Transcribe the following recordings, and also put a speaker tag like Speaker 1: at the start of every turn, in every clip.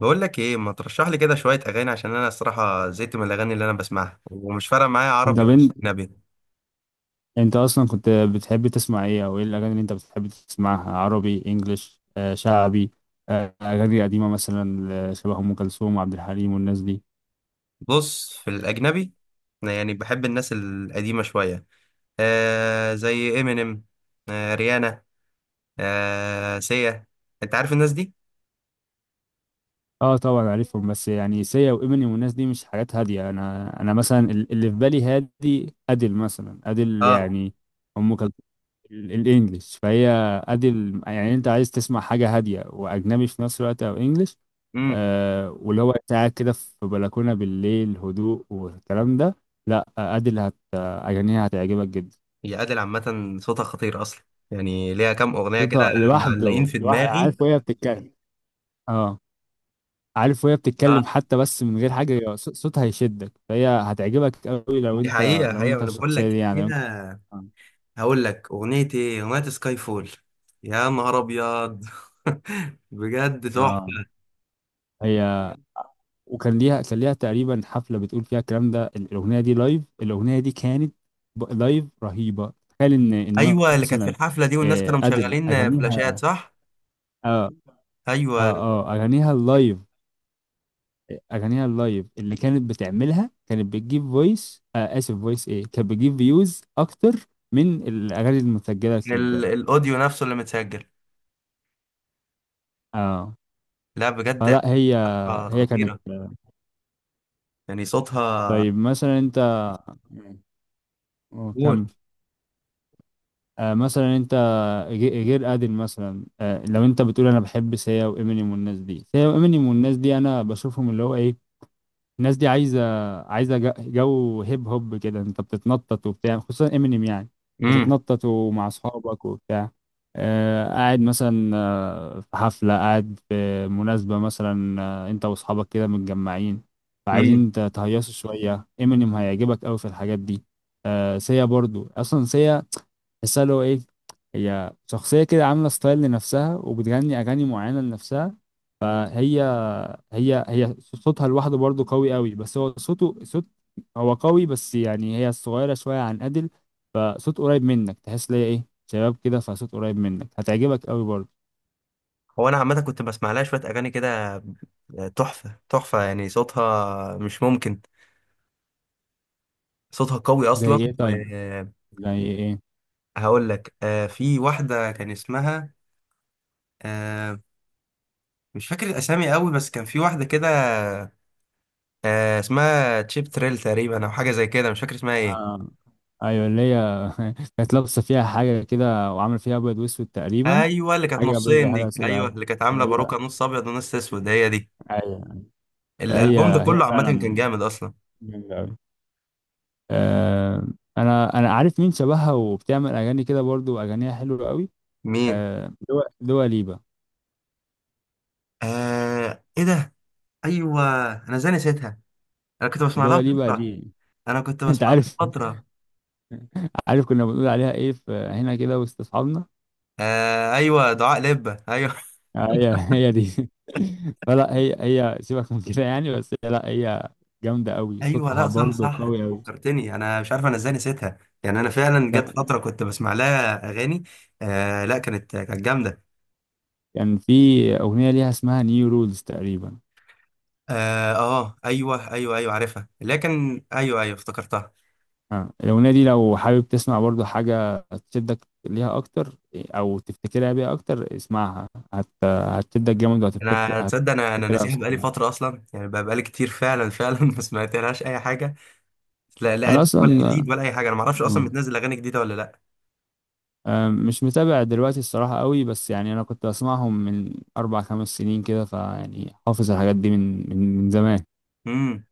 Speaker 1: بقول لك ايه ما ترشح لي كده شويه اغاني عشان انا الصراحه زهقت من الاغاني اللي انا بسمعها ومش فارقه معايا عربي
Speaker 2: طب
Speaker 1: ولا
Speaker 2: انت
Speaker 1: اجنبي.
Speaker 2: انت اصلا كنت بتحب تسمع ايه او ايه الاغاني اللي انت بتحب تسمعها؟ عربي، انجليش، شعبي؟ اغاني قديمه مثلا، شبه ام كلثوم وعبد الحليم والناس دي؟
Speaker 1: بص في الاجنبي، أنا يعني بحب الناس القديمه شويه، زي امينيم، ريانا، سيا. انت عارف الناس دي؟
Speaker 2: اه طبعا عارفهم، بس يعني سيا وامينيم والناس دي مش حاجات هاديه. انا مثلا اللي في بالي هادي، ادل مثلا، ادل
Speaker 1: اه.
Speaker 2: يعني ام كلثوم. الانجليش، فهي ادي يعني انت عايز تسمع حاجه هاديه واجنبي في نفس الوقت او انجليش.
Speaker 1: امم
Speaker 2: آه، واللي هو أنت قاعد كده في بلكونه بالليل، هدوء والكلام ده. لا ادي اللي هت اغانيها هتعجبك جدا.
Speaker 1: هي ادل عامه صوتها خطير اصلا، يعني ليها كام اغنيه كده
Speaker 2: صوتها
Speaker 1: معلقين
Speaker 2: لوحده،
Speaker 1: في
Speaker 2: لوحده،
Speaker 1: دماغي.
Speaker 2: عارف وهي بتتكلم. اه، عارف وهي
Speaker 1: اه،
Speaker 2: بتتكلم حتى، بس من غير حاجه صوتها هيشدك. فهي هتعجبك قوي لو
Speaker 1: دي
Speaker 2: انت،
Speaker 1: حقيقه
Speaker 2: لو
Speaker 1: حقيقه
Speaker 2: انت
Speaker 1: انا بقول
Speaker 2: الشخصيه
Speaker 1: لك
Speaker 2: دي يعني، لو انت.
Speaker 1: فيها. هقول لك اغنيه ايه، اغنيه سكاي فول. يا نهار ابيض! بجد
Speaker 2: اه،
Speaker 1: تحفه.
Speaker 2: هي. وكان ليها تقريبا حفله بتقول فيها الكلام ده. الاغنيه دي لايف، الاغنيه دي كانت لايف رهيبه. تخيل ان
Speaker 1: ايوه اللي كانت في
Speaker 2: مثلا،
Speaker 1: الحفله دي والناس كانوا
Speaker 2: ادل
Speaker 1: مشغلين فلاشات،
Speaker 2: اغانيها.
Speaker 1: صح؟
Speaker 2: اه اه
Speaker 1: ايوه.
Speaker 2: اه اغانيها اللايف، اغانيها اللايف اللي كانت بتعملها كانت بتجيب فويس، اسف فويس ايه، كانت بتجيب فيوز اكتر من الاغاني المسجله الكليبات.
Speaker 1: الاوديو نفسه اللي متسجل.
Speaker 2: اه،
Speaker 1: لا بجد،
Speaker 2: فلا هي
Speaker 1: حفلة
Speaker 2: هي كانت.
Speaker 1: خطيره، يعني صوتها.
Speaker 2: طيب مثلا انت. مم.
Speaker 1: قول.
Speaker 2: كمل. مثلا انت، غير ادل مثلا. لو انت بتقول انا بحب سيا وامينيم والناس دي، سيا وامينيم والناس دي انا بشوفهم اللي هو ايه، الناس دي عايزه، عايزه جو هيب هوب كده. انت بتتنطط وبتاع، خصوصا امينيم يعني.
Speaker 1: امم
Speaker 2: بتتنطط ومع اصحابك وبتاع. قاعد مثلا، في حفله، قاعد في مناسبه مثلا، انت واصحابك كده متجمعين،
Speaker 1: امم
Speaker 2: فعايزين تهيصوا شويه، امينيم هيعجبك قوي في الحاجات دي. سيا برضو، اصلا سيا تحسها اللي هو ايه، هي شخصية كده عاملة ستايل لنفسها وبتغني أغاني معينة لنفسها. فهي، هي صوتها لوحده برضه قوي قوي، بس هو صوته صوت، هو قوي، بس يعني هي صغيرة شوية عن أديل، فصوت قريب منك، تحس ليا إيه شباب كده، فصوت قريب منك هتعجبك قوي برضه.
Speaker 1: هو انا عامه كنت بسمع لها شويه اغاني كده. تحفه تحفه، يعني صوتها مش ممكن، صوتها قوي
Speaker 2: زي
Speaker 1: اصلا.
Speaker 2: إيه طيب؟ زي إيه؟
Speaker 1: وهقول لك، في واحده كان اسمها، آه، مش فاكر الاسامي قوي، بس كان في واحده كده. اسمها تشيب تريل تقريبا او حاجه زي كده، مش فاكر اسمها ايه.
Speaker 2: آه، أيوة اللي هي، كانت لابسة فيها حاجة كده وعاملة فيها أبيض وأسود تقريبا.
Speaker 1: ايوه اللي كانت
Speaker 2: حاجة بيضة
Speaker 1: نصين
Speaker 2: حاجة
Speaker 1: دي، ايوه
Speaker 2: سوداء.
Speaker 1: اللي كانت عامله باروكه
Speaker 2: أيوة
Speaker 1: نص ابيض ونص اسود، هي دي.
Speaker 2: أيوة.
Speaker 1: الالبوم ده اه
Speaker 2: أيوة هي
Speaker 1: كله عامه كان
Speaker 2: فعلا.
Speaker 1: جامد اصلا.
Speaker 2: جميل أوي. آه، انا عارف مين شبهها وبتعمل اغاني كده برضو واغانيها حلوه قوي.
Speaker 1: مين؟
Speaker 2: آه، دوا ليبا.
Speaker 1: آه ايه ده. ايوه، انا ازاي نسيتها. انا كنت بسمع لها
Speaker 2: دوا
Speaker 1: من
Speaker 2: ليبا
Speaker 1: فتره
Speaker 2: دي
Speaker 1: انا كنت
Speaker 2: انت
Speaker 1: بسمع لها
Speaker 2: عارف.
Speaker 1: من فتره.
Speaker 2: عارف كنا بنقول عليها ايه في هنا كده وسط اصحابنا؟
Speaker 1: آه ايوه دعاء لبه، ايوه
Speaker 2: آه، هي دي. فلا هي سيبك من كده يعني. بس هي- لا هي جامده قوي،
Speaker 1: ايوه.
Speaker 2: صوتها
Speaker 1: لا صح
Speaker 2: برضو
Speaker 1: صح، انت
Speaker 2: قوي قوي.
Speaker 1: فكرتني، انا مش عارف انا ازاي نسيتها، يعني انا فعلا جت
Speaker 2: كان
Speaker 1: فتره كنت بسمع لها اغاني. آه لا كانت جامده.
Speaker 2: كان في اغنيه ليها اسمها نيو رولز تقريبا.
Speaker 1: اه، ايوه ايوه ايوه عارفها، لكن ايوه ايوه افتكرتها.
Speaker 2: آه، الأغنية دي لو حابب تسمع برضو حاجة تشدك ليها أكتر أو تفتكرها بيها أكتر، اسمعها، هتشدك جامد،
Speaker 1: انا تصدق، انا
Speaker 2: هتفتكرها
Speaker 1: ناسيها بقالي
Speaker 2: بشكل عام.
Speaker 1: فتره اصلا، يعني بقالي كتير فعلا فعلا ما سمعتلهاش اي حاجه. لا لا
Speaker 2: أنا
Speaker 1: قديم
Speaker 2: أصلا
Speaker 1: ولا
Speaker 2: جامد.
Speaker 1: جديد ولا اي حاجه، انا ما اعرفش اصلا
Speaker 2: آه.
Speaker 1: بتنزل اغاني جديده ولا لا.
Speaker 2: مش متابع دلوقتي الصراحة قوي، بس يعني أنا كنت بسمعهم من أربع خمس سنين كده، فيعني حافظ الحاجات دي من زمان.
Speaker 1: امم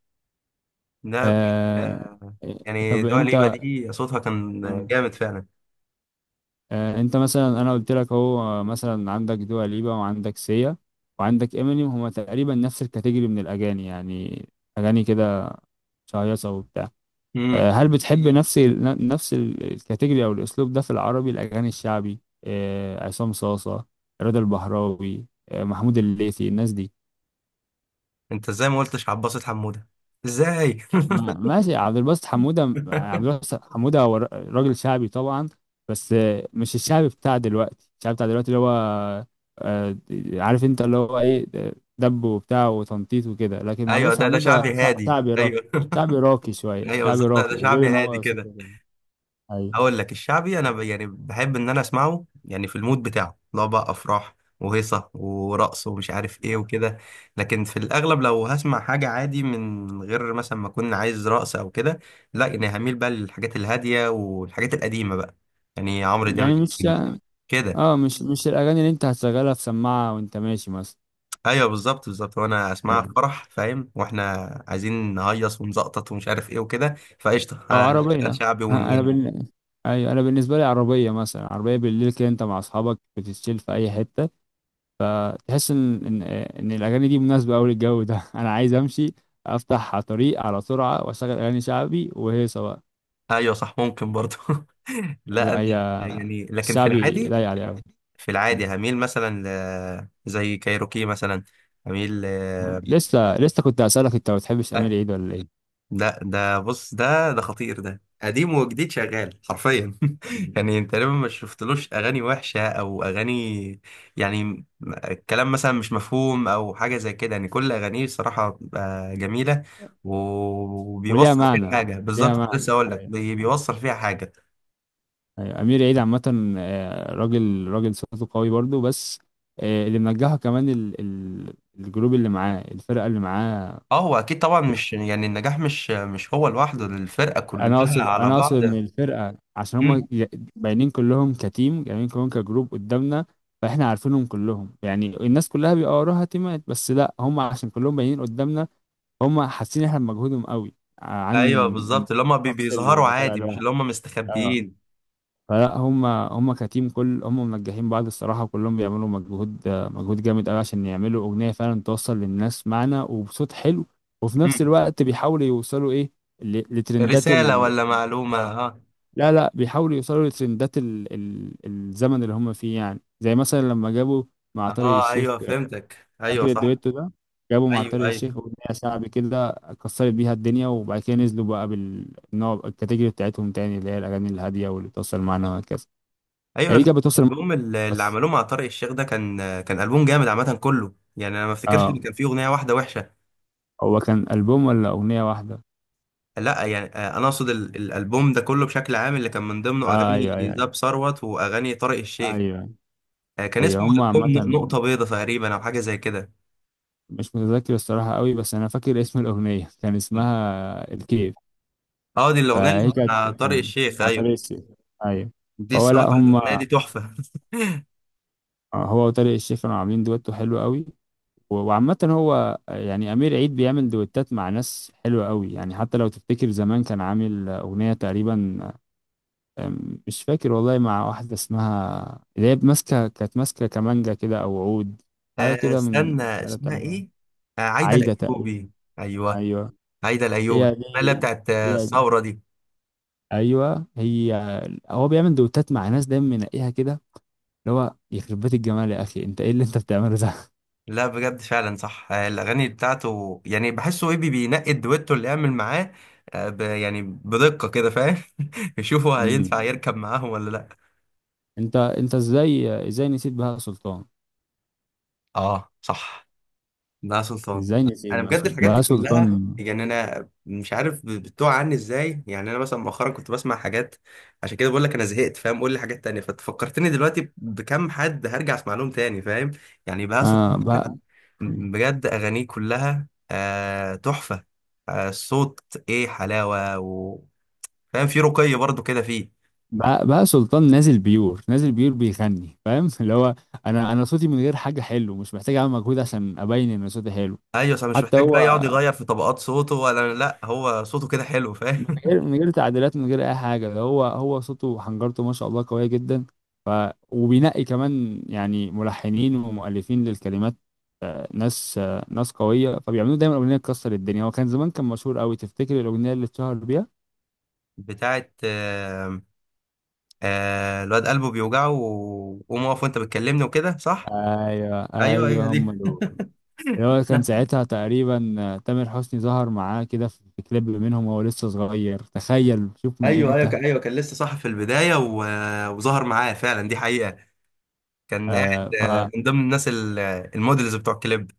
Speaker 1: لا بجد.
Speaker 2: آه...
Speaker 1: آه يعني
Speaker 2: طب
Speaker 1: دوا ليبا
Speaker 2: أنت،
Speaker 1: دي صوتها كان جامد فعلا.
Speaker 2: انت مثلا انا قلت لك اهو، مثلا عندك دوا ليبا وعندك سيا وعندك امينيم، هما تقريبا نفس الكاتيجوري من الاغاني يعني. اغاني كده شهيصه وبتاع.
Speaker 1: امم
Speaker 2: هل بتحب نفس الكاتيجوري او الاسلوب ده في العربي؟ الاغاني الشعبي، عصام صاصه، رضا البحراوي، محمود الليثي، الناس دي؟
Speaker 1: انت ازاي ما قلتش عباسة حموده؟ ازاي؟
Speaker 2: ماشي، عبد الباسط حمودة. عبد الباسط حمودة هو راجل شعبي طبعا، بس مش الشعبي بتاع دلوقتي. الشعبي بتاع دلوقتي اللي هو، آه، عارف انت اللي هو ايه، دب وبتاع وتنطيط وكده، لكن عبد
Speaker 1: ايوه
Speaker 2: الباسط
Speaker 1: ده شعبي
Speaker 2: حمودة
Speaker 1: هادي،
Speaker 2: شعبي راقي.
Speaker 1: ايوه
Speaker 2: شعبي راقي شوية،
Speaker 1: ايوه
Speaker 2: شعبي
Speaker 1: بالظبط ده
Speaker 2: راقي،
Speaker 1: ده
Speaker 2: وغير
Speaker 1: شعبي
Speaker 2: ان
Speaker 1: هادي
Speaker 2: هو
Speaker 1: كده.
Speaker 2: صوته جميل. ايوه،
Speaker 1: اقول لك الشعبي انا يعني بحب ان انا اسمعه، يعني في المود بتاعه، لو بقى افراح وهيصه ورقص ومش عارف ايه وكده. لكن في الاغلب لو هسمع حاجه عادي من غير مثلا ما اكون عايز رقص او كده، لا يعني هميل بقى للحاجات الهاديه والحاجات القديمه بقى، يعني عمرو دياب
Speaker 2: يعني مش،
Speaker 1: كده.
Speaker 2: اه مش الاغاني اللي انت هتشغلها في سماعة وانت ماشي مثلا،
Speaker 1: ايوه بالظبط بالظبط، وانا اسمعها في فرح فاهم، واحنا عايزين نهيص ونزقطط ومش عارف ايه وكده، فقشطه
Speaker 2: او انت عربية.
Speaker 1: هنشغل شعبي
Speaker 2: ها،
Speaker 1: ونودي.
Speaker 2: ايوه انا بالنسبة لي عربية مثلا. عربية بالليل كده، انت مع اصحابك بتتشيل في اي حتة، تحس ان الاغاني دي مناسبة قوي للجو ده. انا عايز امشي، افتح على طريق على سرعة، واشغل اغاني شعبي وهيصة بقى.
Speaker 1: ايوه صح، ممكن برضه لا
Speaker 2: لا
Speaker 1: انا
Speaker 2: هي
Speaker 1: يعني لكن في
Speaker 2: الشعبي
Speaker 1: العادي،
Speaker 2: لايق عليه قوي.
Speaker 1: في العادي هميل مثلا، ل... زي كايروكي مثلا هميل. ل...
Speaker 2: لسه كنت اسالك، انت ما بتحبش امير عيد ولا ايه؟
Speaker 1: ده بص ده خطير، ده قديم وجديد شغال حرفيا
Speaker 2: م.
Speaker 1: يعني انت تقريبا ما شفتلوش اغاني وحشه او اغاني، يعني الكلام مثلا مش مفهوم او حاجه زي كده، يعني كل اغانيه صراحه بتبقى جميله،
Speaker 2: وليها
Speaker 1: وبيوصل فيها
Speaker 2: معنى.
Speaker 1: حاجه
Speaker 2: ليها
Speaker 1: بالظبط، كنت
Speaker 2: معنى،
Speaker 1: لسه اقول لك
Speaker 2: ايوه.
Speaker 1: بيوصل فيها حاجه.
Speaker 2: أيوة، امير عيد عامه، راجل صوته قوي برضو، بس اللي منجحه كمان ال الجروب اللي معاه، الفرقه اللي معاه.
Speaker 1: اه هو اكيد طبعا، مش يعني النجاح مش هو لوحده، الفرقه
Speaker 2: انا
Speaker 1: كلها
Speaker 2: اقصد
Speaker 1: على
Speaker 2: انا اقصد
Speaker 1: بعض.
Speaker 2: ان الفرقه عشان
Speaker 1: مم.
Speaker 2: هم باينين كلهم كتيم، باينين كلهم كجروب قدامنا، فاحنا عارفينهم كلهم يعني. الناس كلها بيبقى وراها تيمات، بس لا هم عشان كلهم باينين قدامنا، هم حاسين احنا بمجهودهم قوي
Speaker 1: ايوه
Speaker 2: عن
Speaker 1: بالظبط، اللي هم
Speaker 2: الشخص اللي
Speaker 1: بيظهروا
Speaker 2: بيبقى طالع
Speaker 1: عادي، مش
Speaker 2: لوحده.
Speaker 1: اللي هم
Speaker 2: آه.
Speaker 1: مستخبيين.
Speaker 2: فلا هم كتيم، كل هم منجحين بعض الصراحة. كلهم بيعملوا مجهود، مجهود جامد قوي، عشان يعملوا أغنية فعلا توصل للناس معنى وبصوت حلو، وفي نفس الوقت بيحاولوا يوصلوا إيه، لترندات
Speaker 1: رسالة
Speaker 2: ال،
Speaker 1: ولا معلومة،
Speaker 2: آه.
Speaker 1: اه.
Speaker 2: لا لا، بيحاولوا يوصلوا لترندات الزمن اللي هم فيه، يعني زي مثلا لما جابوا مع طارق
Speaker 1: اه
Speaker 2: الشيخ.
Speaker 1: ايوه فهمتك، ايوه
Speaker 2: فاكر
Speaker 1: صح.
Speaker 2: الدويتو ده؟ جابوا مع
Speaker 1: ايوه
Speaker 2: طارق
Speaker 1: ايوه
Speaker 2: الشيخ أغنية شعبي كده كسرت بيها الدنيا، وبعد كده نزلوا بقى بالنوع الكاتيجوري بتاعتهم تاني، اللي هي الأغاني الهادية واللي توصل معانا وهكذا.
Speaker 1: ايوه. انا
Speaker 2: يعني دي
Speaker 1: فاهم
Speaker 2: كانت بتوصل،
Speaker 1: الالبوم اللي
Speaker 2: بس
Speaker 1: عملوه مع طارق الشيخ ده كان البوم جامد عامة كله، يعني انا ما افتكرش
Speaker 2: اه.
Speaker 1: ان كان فيه اغنية واحدة وحشة.
Speaker 2: هو كان ألبوم ولا أغنية واحدة؟
Speaker 1: لا، يعني انا اقصد الالبوم ده كله بشكل عام، اللي كان من ضمنه
Speaker 2: آه
Speaker 1: اغاني
Speaker 2: أيوه. أيوه
Speaker 1: زاب ثروت واغاني طارق الشيخ.
Speaker 2: أيوه.
Speaker 1: كان اسمه
Speaker 2: أيوه هما عامة،
Speaker 1: البوم نقطة بيضة تقريبا او حاجة زي كده.
Speaker 2: مش متذكر الصراحة قوي، بس أنا فاكر اسم الأغنية كان اسمها الكيف.
Speaker 1: اه دي الاغنية
Speaker 2: فهي
Speaker 1: اللي
Speaker 2: كانت،
Speaker 1: مع طارق الشيخ،
Speaker 2: بتاع
Speaker 1: ايوه.
Speaker 2: طارق الشيخ، أيوه.
Speaker 1: دي
Speaker 2: هو لا
Speaker 1: الصراحة الاغنية
Speaker 2: هما،
Speaker 1: دي تحفة.
Speaker 2: هو وطارق الشيخ كانوا عاملين دويتو حلو قوي. وعامة هو، يعني أمير عيد بيعمل دويتات مع ناس حلوة قوي. يعني حتى لو تفتكر زمان كان عامل أغنية تقريبا، مش فاكر والله، مع واحدة اسمها اللي هي ماسكة، كانت ماسكة كمانجا كده أو عود، حاجة كده من
Speaker 1: استنى
Speaker 2: الآلة
Speaker 1: اسمها
Speaker 2: بتاعتها.
Speaker 1: ايه. عايدة
Speaker 2: عايدة تقريبا.
Speaker 1: الايوبي. ايوه
Speaker 2: أيوه
Speaker 1: هيدا الايوبي
Speaker 2: هي دي،
Speaker 1: اللي بتاعت
Speaker 2: هي دي،
Speaker 1: الثوره دي.
Speaker 2: أيوه هي. هو بيعمل دوتات مع ناس دايما منقيها كده، اللي هو يخرب بيت الجمال، يا أخي أنت إيه اللي أنت بتعمله ده؟
Speaker 1: لا بجد فعلا صح. الاغاني بتاعته يعني بحسه ايه بينقي الدويتو اللي يعمل معاه، يعني بدقه كده فاهم يشوفوا
Speaker 2: مم.
Speaker 1: هينفع يركب معاهم ولا لا.
Speaker 2: أنت إزاي نسيت بهاء سلطان؟
Speaker 1: اه صح، ده سلطان.
Speaker 2: إزاي نسيت
Speaker 1: انا
Speaker 2: بهاء
Speaker 1: بجد
Speaker 2: سلطان؟
Speaker 1: الحاجات دي
Speaker 2: بهاء
Speaker 1: كلها،
Speaker 2: سلطان.
Speaker 1: يعني انا مش عارف بتوع عني ازاي، يعني انا مثلا مؤخرا كنت بسمع حاجات، عشان كده بقول لك انا زهقت فاهم، قول لي حاجات تانية ففكرتني دلوقتي بكم حد هرجع اسمع لهم تاني فاهم. يعني بهاء
Speaker 2: آه
Speaker 1: سلطان
Speaker 2: بقى.
Speaker 1: بجد أغانيه كلها آه تحفة، آه الصوت إيه حلاوة. و... فاهم، في رقي برضو كده فيه.
Speaker 2: بقى سلطان نازل بيور، نازل بيور بيغني، فاهم؟ اللي هو انا صوتي من غير حاجه حلو، مش محتاج اعمل مجهود عشان ابين ان صوتي حلو.
Speaker 1: أيوة صح، مش
Speaker 2: حتى
Speaker 1: محتاج بقى
Speaker 2: هو
Speaker 1: يقعد يغير في طبقات صوته ولا لأ، هو صوته كده حلو
Speaker 2: من
Speaker 1: فاهم.
Speaker 2: غير، من غير تعديلات، من غير اي حاجه، ده هو، هو صوته وحنجرته ما شاء الله قويه جدا. ف، وبينقي كمان يعني ملحنين ومؤلفين للكلمات، ناس، قويه. فبيعملوا دايما اغنيه تكسر الدنيا. هو كان زمان كان مشهور قوي، تفتكر الاغنيه اللي اتشهر بيها؟
Speaker 1: بتاعت آه، آه الواد قلبه بيوجعه وقوم واقف وأنت بتكلمني وكده، صح؟
Speaker 2: ايوه
Speaker 1: أيوة أيوة
Speaker 2: ايوه هم
Speaker 1: دي.
Speaker 2: دول، اللي هو كان ساعتها تقريبا، تامر حسني ظهر معاه كده في كليب منهم وهو لسه صغير، تخيل شوف من
Speaker 1: أيوة أيوة
Speaker 2: امتى.
Speaker 1: أيوة كان لسه صح في البداية، و... وظهر معاه فعلا دي حقيقة. كان قاعد
Speaker 2: آه.
Speaker 1: من ضمن الناس المودلز بتوع الكليب.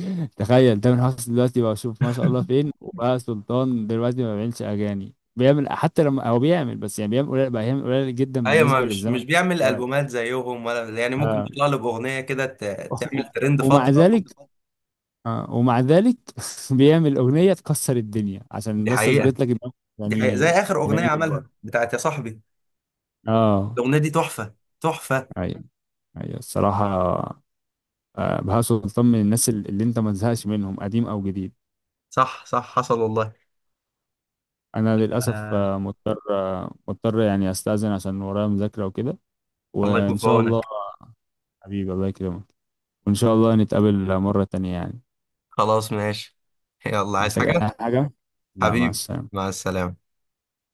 Speaker 2: فتخيل تامر حسني دلوقتي بقى، شوف ما شاء الله فين، وبقى سلطان دلوقتي ما بيعملش اغاني، بيعمل، حتى لما هو بيعمل بس يعني بيعمل قليل بقى، يعمل قليل جدا
Speaker 1: ايوه، ما
Speaker 2: بالنسبة
Speaker 1: مش
Speaker 2: للزمن
Speaker 1: مش بيعمل
Speaker 2: دلوقتي.
Speaker 1: البومات زيهم ولا، يعني ممكن
Speaker 2: آه.
Speaker 1: يطلع له باغنيه كده
Speaker 2: و-
Speaker 1: تعمل ترند
Speaker 2: ومع
Speaker 1: فتره.
Speaker 2: ذلك، آه ومع ذلك بيعمل أغنية تكسر الدنيا عشان
Speaker 1: دي
Speaker 2: بس
Speaker 1: حقيقه،
Speaker 2: أثبت لك إن هو
Speaker 1: دي حقيقه،
Speaker 2: يعني،
Speaker 1: زي اخر اغنيه
Speaker 2: يعني جبار.
Speaker 1: عملها بتاعت يا صاحبي،
Speaker 2: اه
Speaker 1: الاغنيه دي تحفه، تحفه.
Speaker 2: ايوه. ايوه الصراحة. بهاء سلطان من الناس اللي انت ما تزهقش منهم، قديم او جديد.
Speaker 1: صح صح حصل والله.
Speaker 2: انا للاسف،
Speaker 1: آه
Speaker 2: مضطر، مضطر يعني استاذن عشان ورايا مذاكره وكده.
Speaker 1: الله يكون
Speaker 2: وان
Speaker 1: في
Speaker 2: شاء الله.
Speaker 1: عونك.
Speaker 2: حبيبي الله يكرمك. وان شاء الله نتقابل مره تانية يعني.
Speaker 1: خلاص ماشي. يلا، عايز
Speaker 2: محتاج
Speaker 1: حاجه؟
Speaker 2: اي حاجه؟ لا، مع
Speaker 1: حبيبي،
Speaker 2: السلامه.
Speaker 1: مع السلامه.